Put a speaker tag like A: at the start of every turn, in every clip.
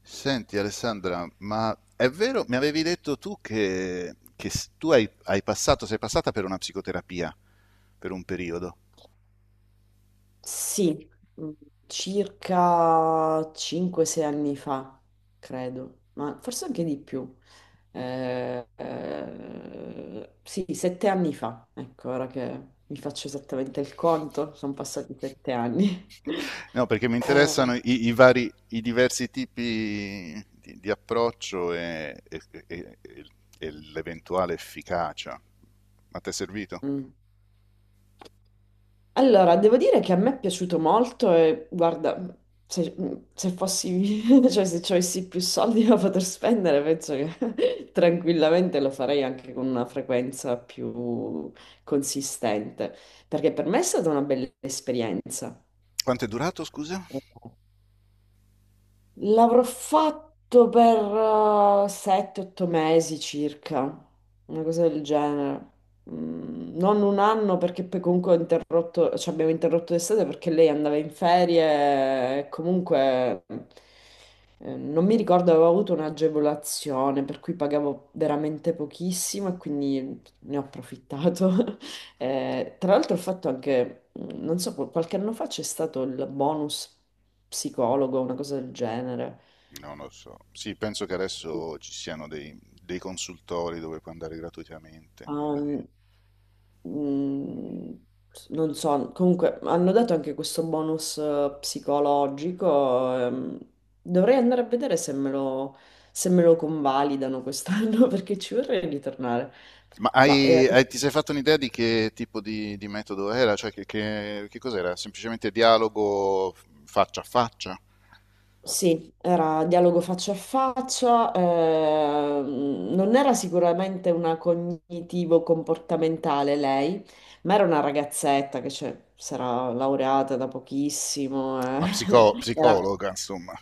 A: Senti Alessandra, ma è vero, mi avevi detto tu tu sei passata per una psicoterapia per un periodo.
B: Sì, mm, circa 5-6 anni fa, credo, ma forse anche di più. Sì, 7 anni fa, ecco, ora che mi faccio esattamente il conto, sono passati 7 anni.
A: No, perché mi
B: Eh,
A: interessano i vari, i diversi tipi di approccio e l'eventuale efficacia. Ma ti è servito?
B: mm. Allora, devo dire che a me è piaciuto molto e guarda, se, se fossi, cioè se avessi più soldi da poter spendere, penso che tranquillamente lo farei anche con una frequenza più consistente, perché per me è stata una bella esperienza.
A: Quanto è durato, scusa?
B: L'avrò fatto per 7-8 mesi circa, una cosa del genere. Mm, Non un anno perché poi comunque ho interrotto, cioè abbiamo interrotto l'estate perché lei andava in ferie e comunque non mi ricordo, avevo avuto un'agevolazione per cui pagavo veramente pochissimo e quindi ne ho approfittato. Tra l'altro ho fatto anche, non so, qualche anno fa c'è stato il bonus psicologo, una cosa del genere.
A: Non lo so. Sì, penso che adesso ci siano dei consultori dove puoi andare gratuitamente, magari.
B: Um, mm, non so, comunque hanno dato anche questo bonus psicologico. Dovrei andare a vedere se me lo, se me lo convalidano quest'anno perché ci vorrei ritornare.
A: Ma
B: Ma, eh,
A: ti sei fatto un'idea di che tipo di metodo era? Cioè, che cos'era? Semplicemente dialogo faccia a faccia?
B: Sì, era dialogo faccia a faccia, non era sicuramente una cognitivo-comportamentale lei, ma era una ragazzetta che cioè, si era laureata da pochissimo,
A: Una
B: Era,
A: psicologa, insomma.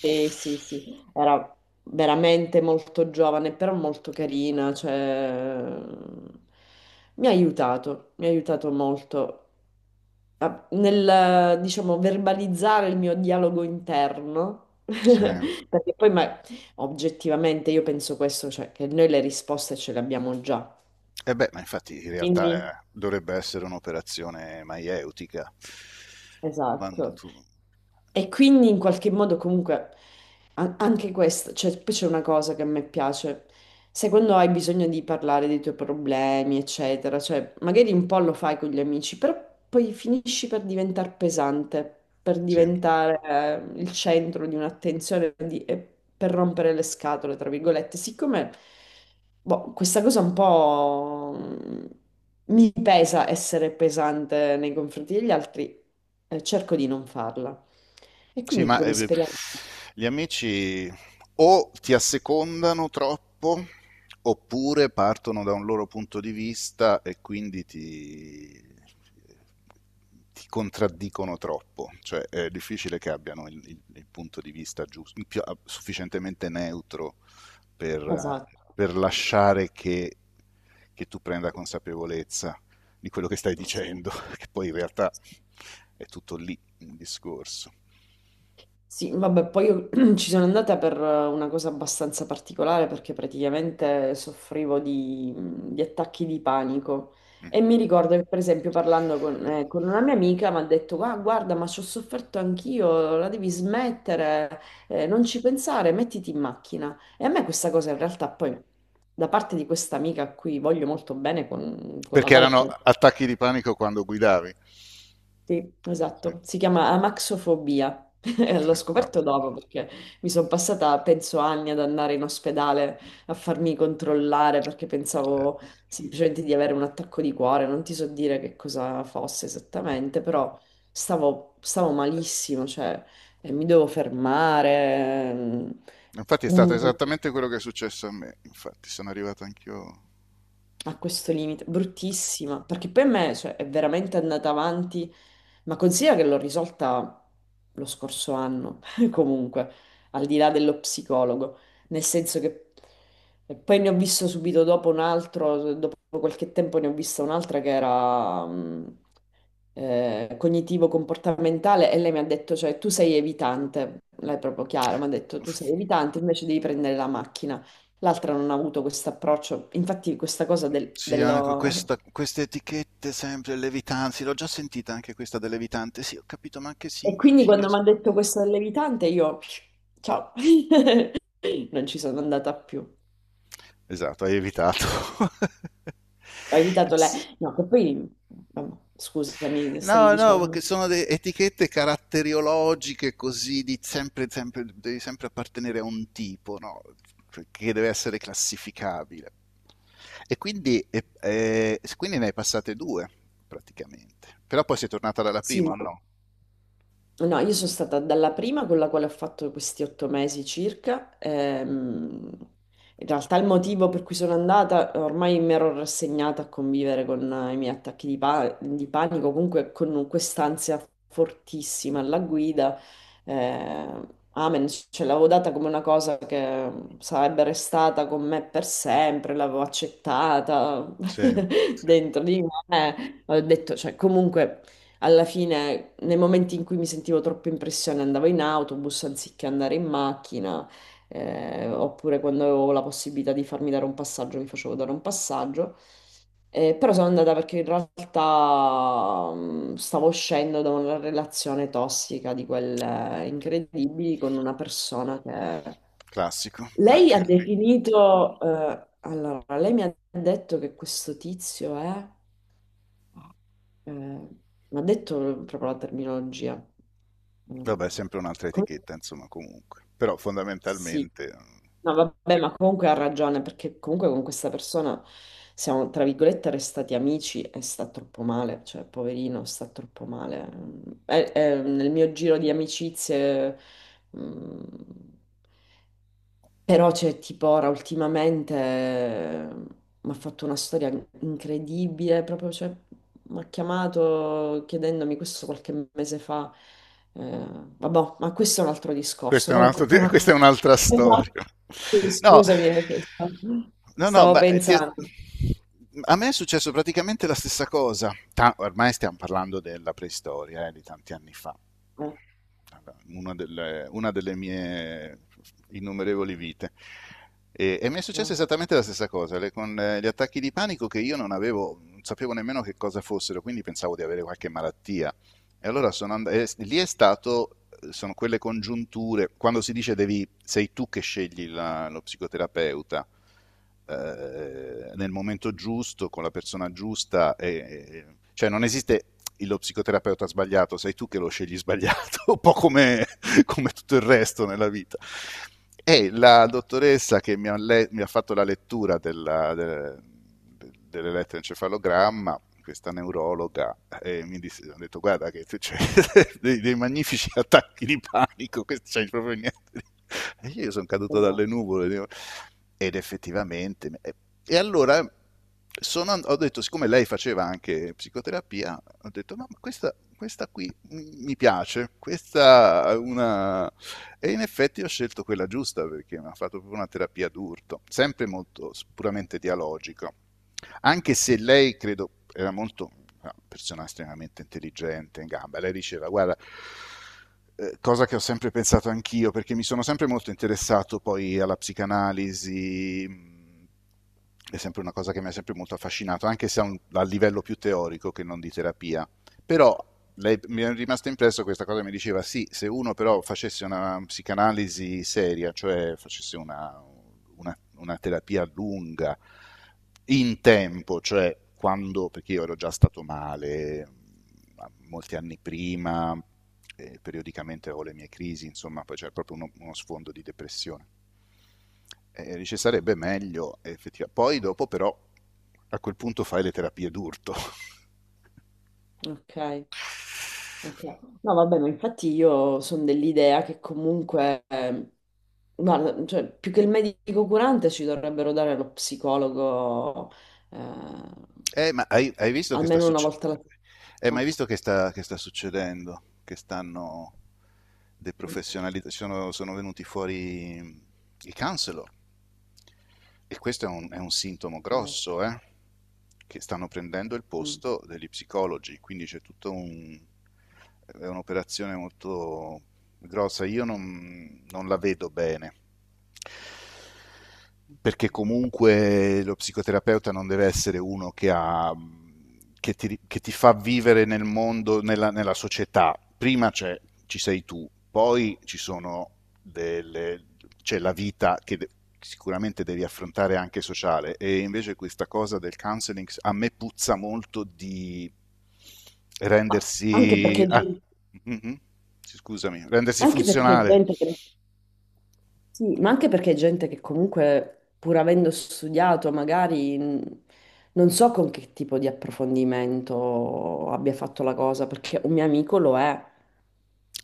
B: sì, sì, era veramente molto giovane, però molto carina, cioè, mi ha aiutato molto nel, diciamo, verbalizzare il mio dialogo interno.
A: Sì. E
B: Perché poi, ma oggettivamente, io penso questo, cioè che noi le risposte ce le abbiamo già.
A: beh, ma infatti in
B: Quindi
A: realtà dovrebbe essere un'operazione maieutica, quando
B: esatto.
A: tu...
B: E quindi in qualche modo comunque anche questo, cioè poi c'è una cosa che a me piace, se quando hai bisogno di parlare dei tuoi problemi, eccetera, cioè magari un po' lo fai con gli amici, però poi finisci per diventare pesante, per
A: Sì.
B: diventare il centro di un'attenzione e per rompere le scatole, tra virgolette, siccome boh, questa cosa un po' mi pesa essere pesante nei confronti degli altri, cerco di non farla. E
A: Sì,
B: quindi
A: ma
B: come esperienza,
A: gli amici o ti assecondano troppo oppure partono da un loro punto di vista e quindi ti contraddicono troppo, cioè è difficile che abbiano il punto di vista giusto, sufficientemente neutro per, eh,
B: esatto,
A: per lasciare che tu prenda consapevolezza di quello che stai
B: sì.
A: dicendo, che poi in realtà è tutto lì il discorso.
B: Sì, vabbè, poi io ci sono andata per una cosa abbastanza particolare perché praticamente soffrivo di attacchi di panico
A: Mm.
B: e mi ricordo che per esempio parlando con una mia amica mi ha detto "Ah, guarda, ma ci ho sofferto anch'io, la devi smettere, non ci pensare, mettiti in macchina." E a me questa cosa in realtà poi da parte di questa amica a cui voglio molto bene, con la
A: Perché
B: quale
A: erano
B: poi
A: attacchi di panico quando guidavi.
B: sì,
A: Sì,
B: esatto, si chiama amaxofobia. E l'ho
A: sì, vabbè.
B: scoperto dopo perché mi sono passata, penso, anni ad andare in ospedale a farmi controllare perché pensavo semplicemente di avere un attacco di cuore, non ti so dire che cosa fosse esattamente, però stavo, stavo malissimo, cioè mi devo fermare.
A: Infatti è stato
B: Un-
A: esattamente quello che è successo a me. Infatti sono arrivato anch'io.
B: A questo limite, bruttissima, perché poi a me, cioè, è veramente andata avanti, ma considera che l'ho risolta lo scorso anno, comunque, al di là dello psicologo, nel senso che e poi ne ho visto subito dopo un altro, dopo qualche tempo ne ho vista un'altra che era, cognitivo-comportamentale e lei mi ha detto, cioè, tu sei evitante, lei è proprio chiara, mi ha detto, tu sei evitante, invece devi prendere la macchina. L'altra non ha avuto questo approccio, infatti questa cosa del,
A: Sì,
B: dello...
A: queste etichette sempre levitanti, l'ho già sentita anche questa del levitante. Sì, ho capito, ma che
B: E quindi
A: significa?
B: quando mi ha detto questo dell'evitante, io, ciao, non ci sono andata più. Ho
A: Esatto, hai evitato.
B: evitato lei. No, che poi, vabbè, scusami, stavi
A: No, no, perché
B: dicendo.
A: sono etichette caratteriologiche così di sempre, sempre, devi sempre appartenere a un tipo, no? Cioè, che deve essere classificabile. E quindi, quindi ne hai passate due, praticamente. Però poi sei tornata dalla
B: Sì,
A: prima, o
B: ma...
A: no?
B: No, io sono stata dalla prima con la quale ho fatto questi 8 mesi circa. In realtà il motivo per cui sono andata, ormai mi ero rassegnata a convivere con i miei attacchi di, di panico, comunque con quest'ansia fortissima alla guida. eh, Amen, ce l'avevo data come una cosa che sarebbe restata con me per sempre, l'avevo accettata
A: Sì, sì.
B: dentro di me. Ho detto, cioè, comunque. Alla fine, nei momenti in cui mi sentivo troppo in pressione, andavo in autobus anziché andare in macchina, oppure quando avevo la possibilità di farmi dare un passaggio, mi facevo dare un passaggio. Però sono andata perché in realtà stavo uscendo da una relazione tossica di quelle incredibili con una persona che...
A: Classico,
B: Lei ha
A: anche lì.
B: definito... Allora, lei mi ha detto che questo tizio è... Mi ha detto proprio la terminologia. Mm.
A: Vabbè, sempre un'altra
B: Com-
A: etichetta, insomma, comunque. Però
B: Sì,
A: fondamentalmente...
B: no, vabbè, ma comunque ha ragione perché comunque con questa persona siamo, tra virgolette, restati amici e sta troppo male, cioè, poverino, sta troppo male. Mm. Nel mio giro di amicizie, mm, però c'è tipo ora ultimamente mi ha fatto una storia incredibile, proprio cioè, mi ha chiamato chiedendomi questo qualche mese fa. Eh, Vabbè, ma questo è un altro discorso.
A: Questa è un
B: Comunque,
A: altro,
B: poi
A: questa è un'altra
B: esatto.
A: storia.
B: Sì,
A: No,
B: scusami, cioè,
A: no, no,
B: stavo pensando.
A: a me è successo praticamente la stessa cosa. Ormai stiamo parlando della preistoria, di tanti anni fa.
B: Eh,
A: Una delle mie innumerevoli vite. E mi è successa
B: no,
A: esattamente la stessa cosa, con gli attacchi di panico che io non avevo, non sapevo nemmeno che cosa fossero, quindi pensavo di avere qualche malattia e allora sono and- e s- lì è stato, sono quelle congiunture, quando si dice devi, sei tu che scegli lo psicoterapeuta, nel momento giusto, con la persona giusta, e- cioè non esiste lo psicoterapeuta sbagliato, sei tu che lo scegli sbagliato, un po' come, come tutto il resto nella vita. E la dottoressa che mi ha fatto la lettura dell'elettroencefalogramma, questa neurologa, mi disse, ho detto guarda che c'è dei magnifici attacchi di panico, questo c'è proprio niente. E io sono caduto
B: esatto.
A: dalle nuvole ed effettivamente... E allora ho detto, siccome lei faceva anche psicoterapia, ho detto ma questa qui mi piace, questa è una... E in effetti ho scelto quella giusta perché mi ha fatto proprio una terapia d'urto, sempre molto puramente dialogica, anche se lei, credo, era molto, una persona estremamente intelligente, in gamba. Lei diceva, guarda, cosa che ho sempre pensato anch'io, perché mi sono sempre molto interessato poi alla psicanalisi, è sempre una cosa che mi ha sempre molto affascinato, anche se a livello più teorico che non di terapia. Però lei, mi è rimasta impresso questa cosa, mi diceva sì, se uno però facesse una psicanalisi seria, cioè facesse una terapia lunga, in tempo, cioè quando, perché io ero già stato male molti anni prima, periodicamente avevo le mie crisi, insomma, poi c'era proprio uno sfondo di depressione. E dice sarebbe meglio, effettivamente. Poi dopo però a quel punto fai le terapie d'urto.
B: Ok. Ok. No, vabbè, ma infatti io sono dell'idea che comunque, guarda, cioè, più che il medico curante ci dovrebbero dare lo psicologo eh,
A: Ma hai visto che sta
B: almeno una
A: succedendo?
B: volta alla
A: Ma
B: settimana.
A: hai visto che sta succedendo? Che stanno deprofessionalizzando, sono venuti fuori i counselor e questo è è un sintomo
B: Ok.
A: grosso, eh? Che stanno prendendo il
B: Mm.
A: posto degli psicologi, quindi c'è tutto un... È un'operazione molto grossa. Io non la vedo bene perché comunque lo psicoterapeuta non deve essere uno che ti fa vivere nel mondo, nella società. Prima c'è, ci sei tu, poi ci sono delle, c'è la vita sicuramente devi affrontare anche sociale, e invece questa cosa del counseling a me puzza molto di
B: Ma Anche
A: rendersi...
B: perché,
A: mhm, sì, scusami, rendersi
B: anche perché
A: funzionale.
B: gente che, sì, ma anche perché gente che comunque, pur avendo studiato, magari non so con che tipo di approfondimento abbia fatto la cosa, perché un mio amico lo è.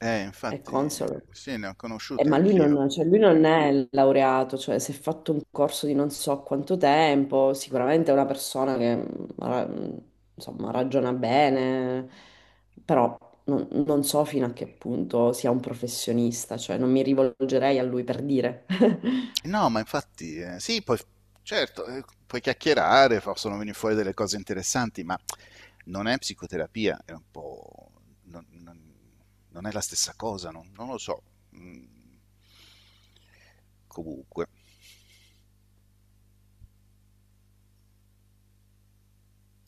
B: È
A: Infatti,
B: console.
A: sì, ne ho conosciuti
B: Ma lui
A: anch'io.
B: non, cioè, lui non è laureato, cioè si è fatto un corso di non so quanto tempo, sicuramente è una persona che insomma, ragiona bene, però non, non so fino a che punto sia un professionista, cioè non mi rivolgerei a lui per dire.
A: No, ma infatti, sì, poi, certo, puoi chiacchierare, possono venire fuori delle cose interessanti, ma non è psicoterapia, è un po'... non, non- non è la stessa cosa, non, non lo so. Mm, comunque.